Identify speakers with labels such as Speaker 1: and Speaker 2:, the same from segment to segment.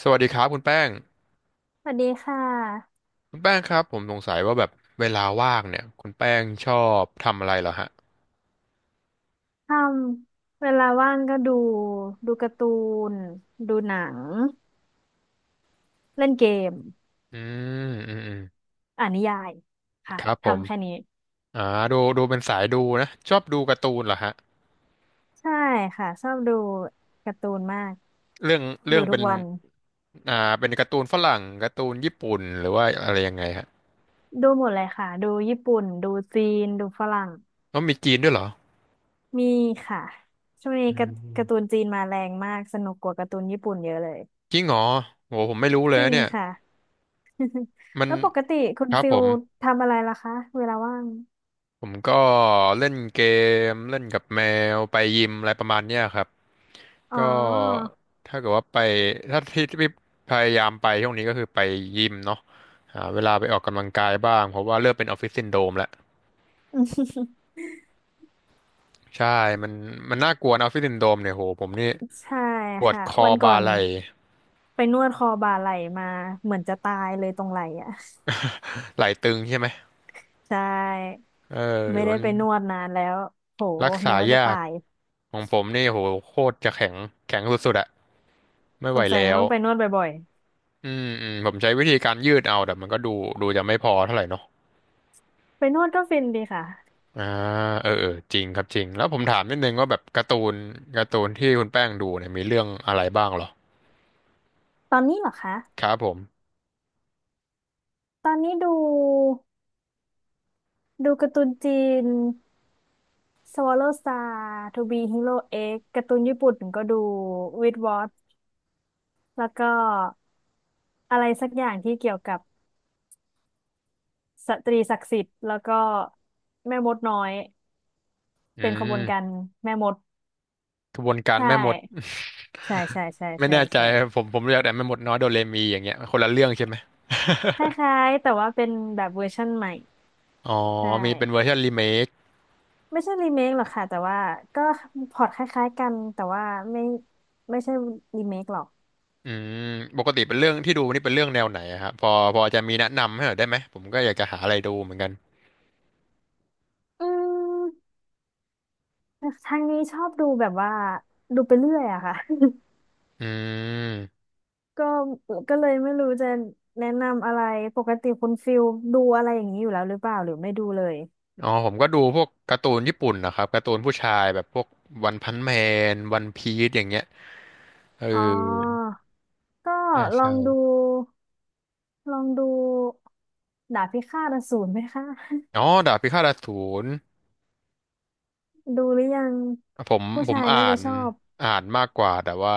Speaker 1: สวัสดีครับคุณแป้ง
Speaker 2: สวัสดีค่ะ
Speaker 1: ครับผมสงสัยว่าแบบเวลาว่างเนี่ยคุณแป้งชอบทำอะไรเหรอฮะ
Speaker 2: ทำเวลาว่างก็ดูดูการ์ตูนดูหนังเล่นเกม
Speaker 1: อืมอืม
Speaker 2: อ่านนิยายค่ะ
Speaker 1: ครับผม
Speaker 2: ทำแค่นี้
Speaker 1: อ่าดูเป็นสายดูนะชอบดูการ์ตูนเหรอฮะ
Speaker 2: ใช่ค่ะชอบดูการ์ตูนมาก
Speaker 1: เรื่องเรื่
Speaker 2: ดู
Speaker 1: อง
Speaker 2: ทุ
Speaker 1: เป็
Speaker 2: ก
Speaker 1: น
Speaker 2: วัน
Speaker 1: อ่าเป็นการ์ตูนฝรั่งการ์ตูนญี่ปุ่นหรือว่าอะไรยังไงฮะ
Speaker 2: ดูหมดเลยค่ะดูญี่ปุ่นดูจีนดูฝรั่ง
Speaker 1: แล้วมีจีนด้วยเหรอ
Speaker 2: มีค่ะช่วงนี้
Speaker 1: อื
Speaker 2: การ์การ์ตู
Speaker 1: ม
Speaker 2: นจีนมาแรงมากสนุกกว่าการ์ตูนญี่ปุ่นเยอะเลย
Speaker 1: จริงเหรอโหผมไม่รู้เล
Speaker 2: จ
Speaker 1: ย
Speaker 2: ริ
Speaker 1: นะ
Speaker 2: ง
Speaker 1: เนี่ย
Speaker 2: ค่ะ
Speaker 1: มั น
Speaker 2: แล้วปกติคุณ
Speaker 1: ครับ
Speaker 2: ฟิ
Speaker 1: ผ
Speaker 2: ล
Speaker 1: ม
Speaker 2: ทำอะไรล่ะคะเวลาว่าง
Speaker 1: ก็เล่นเกมเล่นกับแมวไปยิมอะไรประมาณเนี้ยครับ
Speaker 2: อ๋อ
Speaker 1: ก็ถ้าเกิดว่าไปที่ที่พยายามไปช่วงนี้ก็คือไปยิมเนาะหาเวลาไปออกกำลังกายบ้างเพราะว่าเริ่มเป็นออฟฟิศซินโดรมแล้ว ใช่มันมันน่ากลัวนะออฟฟิศซินโดรมเนี่ยโหผมนี่
Speaker 2: ใช่
Speaker 1: ปวด
Speaker 2: ค่ะ
Speaker 1: คอ
Speaker 2: วันก่อ
Speaker 1: บ่า
Speaker 2: น
Speaker 1: ไหล่
Speaker 2: ไปนวดคอบ่าไหล่มาเหมือนจะตายเลยตรงไหล่อ่ะ
Speaker 1: ไหล่ตึงใช่ไหม
Speaker 2: ใช่
Speaker 1: เออ
Speaker 2: ไม่ได้
Speaker 1: มัน
Speaker 2: ไปนวดนานแล้วโห
Speaker 1: รัก
Speaker 2: นึ
Speaker 1: ษา
Speaker 2: กว่าจะ
Speaker 1: ยา
Speaker 2: ตา
Speaker 1: ก
Speaker 2: ย
Speaker 1: ของผมนี่โหโคตรจะแข็งแข็งสุดๆอะไม่
Speaker 2: ส
Speaker 1: ไหว
Speaker 2: งสัย
Speaker 1: แล้
Speaker 2: จะ
Speaker 1: ว
Speaker 2: ต้องไปนวดบ่อย
Speaker 1: อืมผมใช้วิธีการยืดเอาแต่มันก็ดูจะไม่พอเท่าไหร่เนาะ
Speaker 2: ๆไปนวดก็ฟินดีค่ะ
Speaker 1: อ่าเออจริงครับจริงแล้วผมถามนิดนึงว่าแบบการ์ตูนที่คุณแป้งดูเนี่ยมีเรื่องอะไรบ้างเหรอ
Speaker 2: ตอนนี้เหรอคะ
Speaker 1: ครับผม
Speaker 2: ตอนนี้ดูดูการ์ตูนจีน Swallow Star To Be Hero X การ์ตูนญี่ปุ่นก็ดู With Watch แล้วก็อะไรสักอย่างที่เกี่ยวกับ สตรีศักดิ์สิทธิ์แล้วก็แม่มดน้อย
Speaker 1: อื
Speaker 2: เป็นขบวนการ
Speaker 1: ม
Speaker 2: แม่มด
Speaker 1: กระบวนการ
Speaker 2: ใช่
Speaker 1: แม่มด
Speaker 2: ใช่ใช่ใช่
Speaker 1: ไม่
Speaker 2: ใช่
Speaker 1: แน่ใจ
Speaker 2: ใช่
Speaker 1: ครับผมเรียกแต่แม่มดน้อยโดเรมีอย่างเงี้ยคนละเรื่องใช่ไหม
Speaker 2: คล้ายๆแต่ว่าเป็นแบบเวอร์ชั่นใหม่
Speaker 1: อ๋อ
Speaker 2: ใช่
Speaker 1: มีเป็นเวอร์ชันรีเมค
Speaker 2: ไม่ใช่รีเมคหรอกค่ะแต่ว่าก็พล็อตคล้ายๆกันแต่ว่าไม่ไม่ใช่รีเมคหรอก
Speaker 1: อืมปกติเป็นเรื่องที่ดูนี่เป็นเรื่องแนวไหนอะครับพอจะมีแนะนำให้หน่อยได้ไหมผมก็อยากจะหาอะไรดูเหมือนกัน
Speaker 2: อืมทางนี้ชอบดูแบบว่าดูไปเรื่อยอะค่ะ
Speaker 1: อืม
Speaker 2: ก็ก็เลยไม่รู้จะแนะนำอะไรปกติคุณฟิลดูอะไรอย่างนี้อยู่แล้วหรือเปล่าหรือไม่ดูเลย
Speaker 1: อ๋อผมก็ดูพวกการ์ตูนญี่ปุ่นนะครับการ์ตูนผู้ชายแบบพวกวันพันแมนวันพีซอย่างเงี้ยเออ
Speaker 2: อ๋อ ก็ลอ
Speaker 1: ใช่
Speaker 2: งดูลองดูดาบพิฆาตอสูรไหมคะ
Speaker 1: อ๋อดาบพิฆาตอสูร
Speaker 2: ดูหรือยังผู้
Speaker 1: ผม
Speaker 2: ชาย
Speaker 1: อ่า
Speaker 2: น่าจะ
Speaker 1: น
Speaker 2: ชอบ
Speaker 1: อ่านมากกว่า แต่ว่า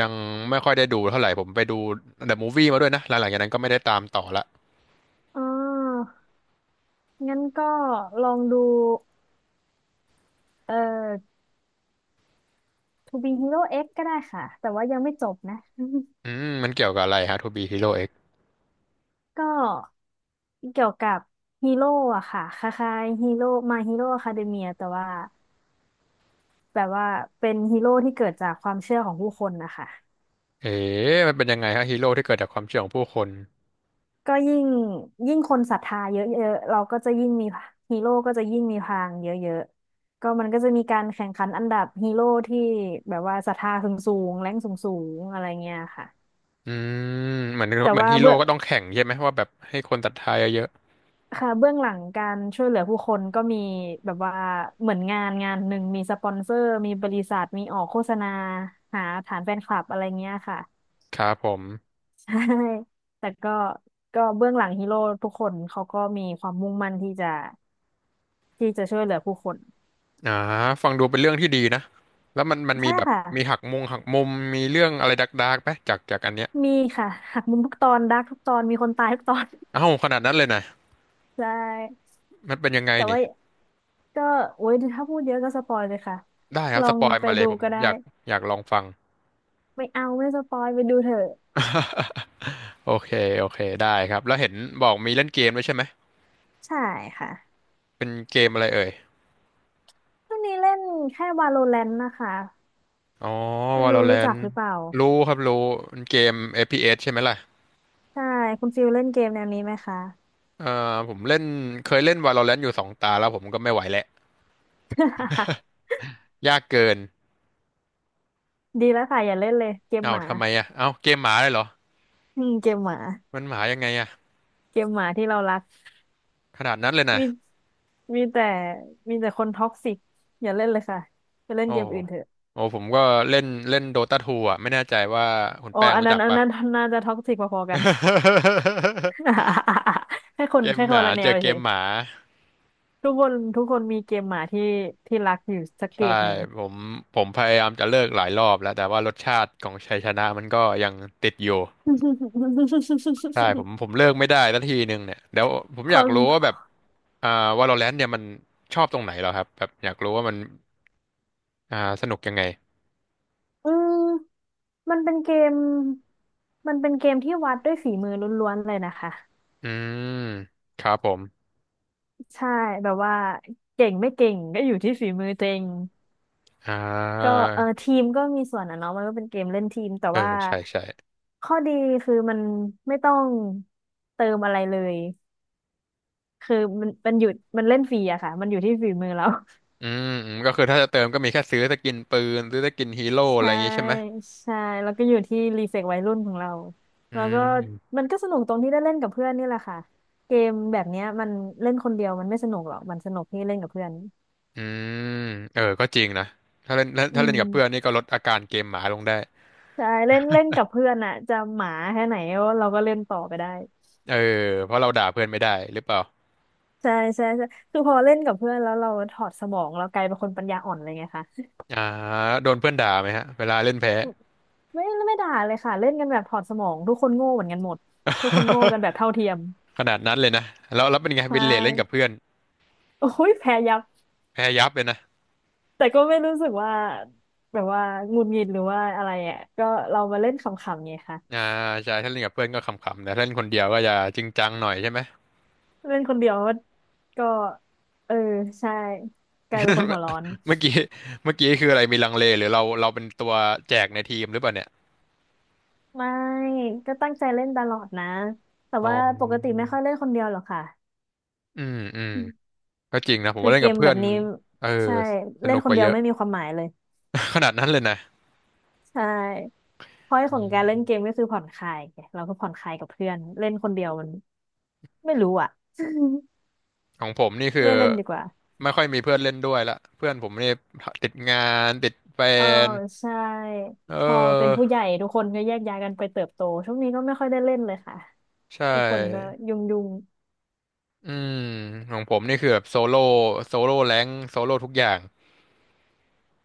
Speaker 1: ยังไม่ค่อยได้ดูเท่าไหร่ ผมไปดูเดอะมูฟวี่มาด้วยนะ หลังๆจากนั้นก็ไม่ได้ตามต่อละ
Speaker 2: อ๋องั้นก็ลองดูเอ่อ To Be Hero X ก็ได้ค่ะแต่ว่ายังไม่จบนะ
Speaker 1: อืมมันเกี่ยวกับอะไรฮะทูบีฮีโร่เอ็ก
Speaker 2: ก็เกี่ยวกับฮีโร่อะค่ะคล้ายๆฮีโร่มาฮีโร่อะคาเดเมียแต่ว่าแบบว่าเป็นฮีโร่ที่เกิดจากความเชื่อของผู้คนนะคะ
Speaker 1: เอ๊ะมันเป็นยังไงฮะฮีโร่ที่เกิดจากความเชื่อของผู้คน
Speaker 2: ก็ยิ่งคนศรัทธาเยอะๆเราก็จะยิ่งมีฮีโร่ก็จะยิ่งมีพลังเยอะๆ ก็มันก็จะมีการแข่งขันอันดับฮีโร่ที่แบบว่าศรัทธาสูงๆแรงสูงๆอะไรเงี้ยค่ะ
Speaker 1: อืมเหมือน
Speaker 2: แต่ว่า
Speaker 1: ฮีโร่
Speaker 2: เบื้อง
Speaker 1: ก็ต้องแข่งใช่ไหมว่าแบบให้คนศรัทธาเยอะ
Speaker 2: ค่ะเบื้องหลังการช่วยเหลือผู้คนก็มีแบบว่าเหมือนงานงานหนึ่งมีสปอนเซอร์มีบริษัทมีออกโฆษณาหาฐานแฟนคลับอะไรเงี้ยค่ะ
Speaker 1: ๆครับผม
Speaker 2: ใช่แต่ก็ก็เบื้องหลังฮีโร่ทุกคนเขาก็มีความมุ่งมั่นที่จะช่วยเหลือผู้คน
Speaker 1: อ่าฟังดูเป็นเรื่องที่ดีนะแล้วมันมี
Speaker 2: ใช่
Speaker 1: แบบ
Speaker 2: ค่ะ
Speaker 1: มีหักมุมมีเรื่องอะไรดาร์กๆไหมจากอันเนี้ย
Speaker 2: มีค่ะหักมุมทุกตอนดาร์กทุกตอนมีคนตายทุกตอน
Speaker 1: เอ้าขนาดนั้นเลยนะ
Speaker 2: ใช่
Speaker 1: มันเป็นยังไง
Speaker 2: แต่
Speaker 1: นี่
Speaker 2: ว่าก็โอ้ยถ้าพูดเยอะก็สปอยเลยค่ะ
Speaker 1: ได้ครั
Speaker 2: ล
Speaker 1: บ
Speaker 2: อ
Speaker 1: ส
Speaker 2: ง
Speaker 1: ปอย
Speaker 2: ไป
Speaker 1: มาเล
Speaker 2: ดู
Speaker 1: ย
Speaker 2: ก็
Speaker 1: ผม
Speaker 2: ได้
Speaker 1: อยากอยากลองฟัง
Speaker 2: ไม่เอาไม่สปอยไปดูเถอะ
Speaker 1: โอเคได้ครับแล้วเห็นบอกมีเล่นเกมด้วยใช่ไหม
Speaker 2: ใช่ค่ะ
Speaker 1: เป็นเกมอะไรเอ่ย
Speaker 2: ช่วงนี้เล่นแค่ Valorant นะคะ
Speaker 1: อ๋อ
Speaker 2: ไม่รู้รู้จั
Speaker 1: Valorant
Speaker 2: กหรือเปล่า
Speaker 1: รู้ครับรู้เป็นเกม FPS ใช่ไหมล่ะ
Speaker 2: ใช่คุณฟิลเล่นเกมแนวนี้ไหมคะ
Speaker 1: ผมเล่นเคยเล่น Valorant อยู่สองตาแล้วผมก็ไม่ไหวแล้วยากเกิน
Speaker 2: ดีแล้วค่ะอย่าเล่นเลยเกม
Speaker 1: เอ้า
Speaker 2: หมา
Speaker 1: ทำไมอ่ะเอ้าเกมหมาเลยเหรอ
Speaker 2: อืมเกมหมา
Speaker 1: มันหมายังไงอ่ะ
Speaker 2: เกมหมาที่เรารัก
Speaker 1: ขนาดนั้นเลย
Speaker 2: มี
Speaker 1: นะ
Speaker 2: มีแต่มีแต่คนท็อกซิกอย่าเล่นเลยค่ะไปเล่น
Speaker 1: โอ้
Speaker 2: เกม
Speaker 1: โห
Speaker 2: อื่นเถอะ
Speaker 1: โอ้ผมก็เล่นเล่น Dota 2อ่ะไม่แน่ใจว่าคุณ
Speaker 2: อ๋อ
Speaker 1: แป้ง
Speaker 2: อัน
Speaker 1: รู้
Speaker 2: นั้
Speaker 1: จั
Speaker 2: น
Speaker 1: ก
Speaker 2: อัน
Speaker 1: ปะ
Speaker 2: นั้นน่าจะท็อกซิกพอๆกัน แค่ค
Speaker 1: เก
Speaker 2: น
Speaker 1: ม
Speaker 2: แค่
Speaker 1: ห
Speaker 2: คน
Speaker 1: มา
Speaker 2: ละแน
Speaker 1: เจ
Speaker 2: ว
Speaker 1: อเก
Speaker 2: เฉ
Speaker 1: ม
Speaker 2: ย
Speaker 1: หมา
Speaker 2: ทุกคนมีเกมหมาที่รักอยู่สักเกม
Speaker 1: ใช่
Speaker 2: หนึ่ง
Speaker 1: ผมผมพยายามจะเลิกหลายรอบแล้วแต่ว่ารสชาติของชัยชนะมันก็ยังติดอยู่ ใช่ผมเลิกไม่ได้สักทีหนึ่งเนี่ยเดี๋ยวผม
Speaker 2: ค
Speaker 1: อยาก
Speaker 2: น
Speaker 1: รู้ว่าแบบอ่า Valorant เนี่ยมันชอบตรงไหนเหรอครับแบบอยากรู้ว่ามันอ่าสนุกยังไง
Speaker 2: อืมมันเป็นเกมมันเป็นเกมที่วัดด้วยฝีมือล้วนๆเลยนะคะ
Speaker 1: อืมครับผม
Speaker 2: ใช่แบบว่าเก่งไม่เก่งก็อยู่ที่ฝีมือตัวเอง
Speaker 1: อ่า
Speaker 2: ก็เออทีมก็มีส่วนอ่ะเนาะมันก็เป็นเกมเล่นทีมแต่
Speaker 1: เออ
Speaker 2: ว่า
Speaker 1: ใช่
Speaker 2: ข้อดีคือมันไม่ต้องเติมอะไรเลย คือมันอยู่มันเล่นฟรีอะค่ะมันอยู่ที่ฝีมือเรา
Speaker 1: อืมก็คือถ้าจะเติมก็มีแค่ซื้อสกินปืนซื้อสกินฮีโร่อะไร
Speaker 2: ใช่
Speaker 1: อย่างงี้ใช่ไหม
Speaker 2: ใช่แล้วก็อยู่ที่รีเฟกวัยรุ่นของเรา
Speaker 1: อื
Speaker 2: แล้วก็
Speaker 1: ม
Speaker 2: มันก็สนุกตรงที่ได้เล่นกับเพื่อนนี่แหละค่ะเกมแบบเนี้ยมันเล่นคนเดียวมันไม่สนุกหรอกมันสนุกที่เล่นกับเพื่อน
Speaker 1: อืมเออก็จริงนะถ้าเล่น
Speaker 2: อื
Speaker 1: ถ้าเล่นกับเพื่อน
Speaker 2: ม
Speaker 1: นี่ก็ลดอาการเกมหมาลงได้
Speaker 2: ใช่เล่นเล่นกับเพื่อนอะจะหมาแค่ไหนเราก็เล่นต่อไปได้
Speaker 1: เออเพราะเราด่าเพื่อนไม่ได้หรือเปล่า
Speaker 2: ใช่ใช่ใช่คือพอเล่นกับเพื่อนแล้วเราถอดสมองเรากลายเป็นคนปัญญาอ่อนเลยไงคะ
Speaker 1: อ่าโดนเพื่อนด่าไหมฮะเวลาเล่นแพ้
Speaker 2: ไม่ด่าเลยค่ะเล่นกันแบบถอดสมองทุกคนโง่เหมือนกันหมดทุกคนโง่กันแบบเท่าเทียม
Speaker 1: ขนาดนั้นเลยนะแล้วเป็นไง
Speaker 2: ใช
Speaker 1: วินเลทเล่นกับ
Speaker 2: ่
Speaker 1: เพื่อน
Speaker 2: โอ้ยแพ้ยับ
Speaker 1: แพ้ยับเลยนะ
Speaker 2: แต่ก็ไม่รู้สึกว่าแบบว่าหงุดหงิดหรือว่าอะไรอ่ะก็เรามาเล่นขำๆไงคะ
Speaker 1: อ่าใช่ถ้าเล่นกับเพื่อนก็ขำๆแต่ถ้าเล่นคนเดียวก็จะจริงจังหน่อยใช่ไหม
Speaker 2: เล่นคนเดียวก็ก็เออใช่กลายเป็นคนหัวร้อน
Speaker 1: เมื่อกี้คืออะไรมีลังเลหรือเราเป็นตัวแจกในทีมหรือเปล่าเนี่ย
Speaker 2: ไม่ก็ตั้งใจเล่นตลอดนะ แต่
Speaker 1: อ๋อ
Speaker 2: ว่าปกติไม่ค่อยเล่นคนเดียวหรอกค่ะ
Speaker 1: อืมก็จริงนะผม
Speaker 2: คือ
Speaker 1: ว่าเล่
Speaker 2: เก
Speaker 1: นกับ
Speaker 2: ม
Speaker 1: เพื่
Speaker 2: แบ
Speaker 1: อ
Speaker 2: บ
Speaker 1: น
Speaker 2: นี้
Speaker 1: เออ
Speaker 2: ใช่
Speaker 1: ส
Speaker 2: เล่
Speaker 1: นุ
Speaker 2: น
Speaker 1: ก
Speaker 2: ค
Speaker 1: ก
Speaker 2: น
Speaker 1: ว่า
Speaker 2: เดีย
Speaker 1: เย
Speaker 2: ว
Speaker 1: อะ
Speaker 2: ไม่มีความหมายเลย
Speaker 1: ขนาดนั้นเลยนะ
Speaker 2: ใช่เพราะของการเล่นเกมก็คือผ่อนคลายไงเราก็ผ่อนคลายกับเพื่อนเล่นคนเดียวมันไม่รู้อ่ะ
Speaker 1: ของผมนี่คือ
Speaker 2: ไม่เล่นดีกว่า
Speaker 1: ไม่ค่อยมีเพื่อนเล่นด้วยละเพื่อนผมนี่ติดงานติดแฟ
Speaker 2: เออ
Speaker 1: น
Speaker 2: ใช่
Speaker 1: เอ
Speaker 2: พอเป็นผู้
Speaker 1: อ
Speaker 2: ใหญ่ทุกคนก็แยกย้ายกันไปเติบโตช่วงนี้ก็ไม่ค่อยได้เล่นเลยค่ะ
Speaker 1: ใช
Speaker 2: ทุกคนก็
Speaker 1: ่
Speaker 2: ยุ่งยุ่ง
Speaker 1: อืมของผมนี่คือแบบโซโล่แรงโซโล่ทุกอย่าง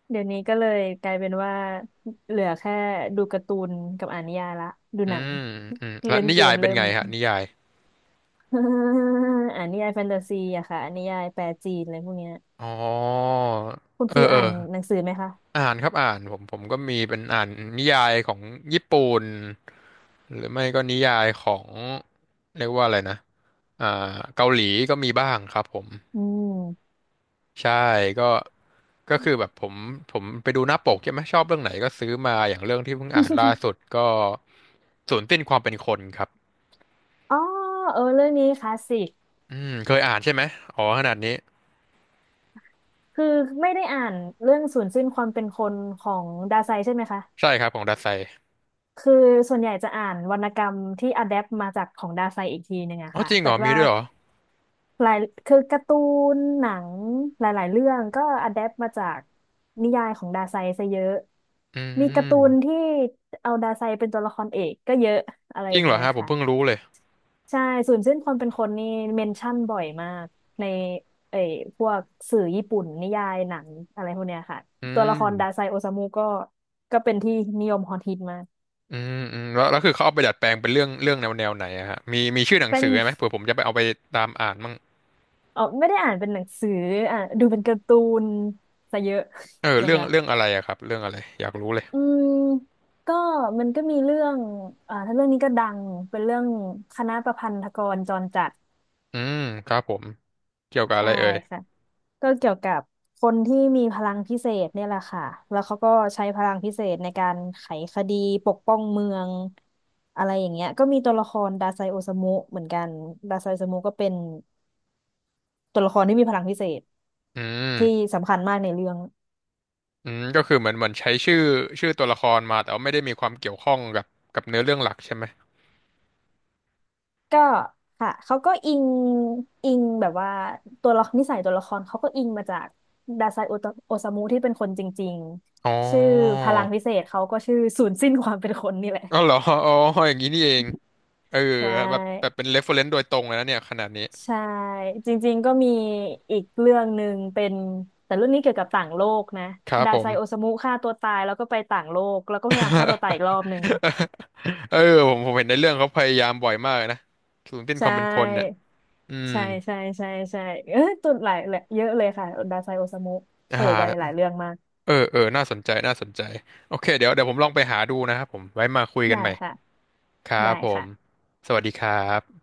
Speaker 2: เดี๋ยวนี้ก็เลยกลายเป็นว่าเหลือแค่ดูการ์ตูนกับอ่านนิยายละดู
Speaker 1: อื
Speaker 2: หนัง
Speaker 1: มอืมแล้ว
Speaker 2: เล่น
Speaker 1: นิ
Speaker 2: เก
Speaker 1: ยา
Speaker 2: ม
Speaker 1: ยเป็
Speaker 2: เริ่
Speaker 1: น
Speaker 2: ม
Speaker 1: ไงฮะนิยาย
Speaker 2: อ่านนิยายแฟนตาซีอะค่ะอ่านนิยายแปลจีนอะไรพวกเนี้ย
Speaker 1: อ๋อ
Speaker 2: คุณ
Speaker 1: เอ
Speaker 2: ฟิล
Speaker 1: อเอ
Speaker 2: อ่าน
Speaker 1: อ
Speaker 2: หนังสือไหมคะ
Speaker 1: อ่านครับอ่านผมก็มีเป็นอ่านนิยายของญี่ปุ่นหรือไม่ก็นิยายของเรียกว่าอะไรนะอ่าเกาหลีก็มีบ้างครับผม
Speaker 2: อืม
Speaker 1: ใช่ก็ ก็คือแบบผมไปดูหน้าปกใช่ไหมชอบเรื่องไหนก็ซื้อมาอย่างเรื่องที่เพิ่งอ่านล่า สุดก็ศูนย์สิ้นความเป็นคนครับ
Speaker 2: อ๋อเออเรื่องนี้คลาสสิก
Speaker 1: อืมเคยอ่านใช่ไหมอ๋อขนาดนี้
Speaker 2: คือไม่ได้อ่านเรื่องสูญสิ้นความเป็นคนของดาไซใช่ไหมคะ
Speaker 1: ใช่ครับของดัสไซ
Speaker 2: คือส่วนใหญ่จะอ่านวรรณกรรมที่อะแดปมาจากของดาไซอีกทีหนึ่งอะ
Speaker 1: อ๋อ
Speaker 2: ค่ะ
Speaker 1: จริงเห
Speaker 2: แต่
Speaker 1: รอมี
Speaker 2: ว่า
Speaker 1: ด้วยเหรอ
Speaker 2: หลายคือการ์ตูนหนังหลายๆเรื่องก็อะแดปมาจากนิยายของดาไซซะเยอะ
Speaker 1: อื
Speaker 2: มีการ์ตูน
Speaker 1: ม
Speaker 2: ที่เอาดาไซเป็นตัวละครเอกก็เยอะอะไร
Speaker 1: จ
Speaker 2: อ
Speaker 1: ริง
Speaker 2: ย่าง
Speaker 1: เหรอ
Speaker 2: เงี้ย
Speaker 1: ฮะผม
Speaker 2: ค่ะ
Speaker 1: เพิ่งรู้เลย
Speaker 2: ใช่ศูนย์เส้นความเป็นคนนี่เมนชั่นบ่อยมากในเอ่ยพวกสื่อญี่ปุ่นนิยายหนังอะไรพวกเนี้ยค่ะ
Speaker 1: อื
Speaker 2: ตัวละครดาไซ
Speaker 1: ม
Speaker 2: โอซามุก็เป็นที่นิยมฮอตฮิตมาก
Speaker 1: อืมอืมแล้วคือเขาเอาไปดัดแปลงเป็นเรื่องแนวไหนอะฮะมีชื่อหนั ง
Speaker 2: เป็
Speaker 1: สื
Speaker 2: น
Speaker 1: อไหมเผื่อผมจะไปเอาไปตามอ่านมั่ง
Speaker 2: เออไม่ได้อ่านเป็นหนังสืออ่ะดูเป็นการ์ตูนซะเยอะ
Speaker 1: เออ
Speaker 2: นะ
Speaker 1: เรื่อง
Speaker 2: คะ
Speaker 1: อะไรอะครับเรื่องอะไรอยากรู้เลย
Speaker 2: อืมก็มันก็มีเรื่องอ่าถ้าเรื่องนี้ก็ดังเป็นเรื่องคณะประพันธกรจรจัด
Speaker 1: อืมครับผมเกี่ยวกับอะไร
Speaker 2: ใช่
Speaker 1: เอ่ย
Speaker 2: ค่ะ ก็เกี่ยวกับคนที่มีพลังพิเศษเนี่ยแหละค่ะแล้วเขาก็ใช้พลังพิเศษในการไขคดีปกป้องเมืองอะไรอย่างเงี้ยก็มีตัวละครดาไซโอซามุเหมือนกันดาไซโอซามุก็เป็นตัวละครที่มีพลังพิเศษ
Speaker 1: อื
Speaker 2: ที่
Speaker 1: ม
Speaker 2: สำคัญมากในเรื่อง
Speaker 1: อืมก็คือเหมือนใช้ชื่อตัวละครมาแต่ว่าไม่ได้มีความเกี่ยวข้องกับเนื้อเรื่องหลักใช่ไหม
Speaker 2: ก็ค่ะ เขาก็อิงแบบว่าตัวละครนิสัยตัวละครเขาก็อิงมาจากดาไซโอซามุที่เป็นคนจริง
Speaker 1: อ๋อ
Speaker 2: ๆชื่อพลังพิเศษเขาก็ชื่อศูนย์สิ้นความเป็นคนนี่แหละ
Speaker 1: อ๋อเหรออ๋ออย่างนี้นี่เองเออ
Speaker 2: ใช่
Speaker 1: แบบเป็น reference โดยตรงเลยนะเนี่ยขนาดนี้
Speaker 2: ใช่จริงๆก็มีอีกเรื่องหนึ่งเป็นแต่เรื่องนี้เกี่ยวกับต่างโลกนะ
Speaker 1: ครับ
Speaker 2: ดา
Speaker 1: ผ
Speaker 2: ไซ
Speaker 1: ม
Speaker 2: โอซามุฆ่าตัวตายแล้วก็ไปต่างโลกแล้วก็พยายามฆ่าตัวตายอีกรอบหนึ่ง
Speaker 1: เออผมเห็นในเรื่องเขาพยายามบ่อยมากเลยนะศูนย์สิ้น
Speaker 2: ใช
Speaker 1: ความเป็นคนเนี่ย
Speaker 2: ่
Speaker 1: อืม
Speaker 2: ใช่ใช่ใช่ใช่เออตุดหลายเลยเยอะเลยค่ะดาไซโอซามุโผ
Speaker 1: อ่
Speaker 2: ล่ไปหลา
Speaker 1: า
Speaker 2: ยเรื่องมาก
Speaker 1: เออน่าสนใจโอเคเดี๋ยวผมลองไปหาดูนะครับผมไว้มาคุยกัน
Speaker 2: ได้
Speaker 1: ใหม่
Speaker 2: ค่ะ
Speaker 1: ครับ
Speaker 2: ได้
Speaker 1: ผ
Speaker 2: ค่ะ
Speaker 1: มสวัสดีครับ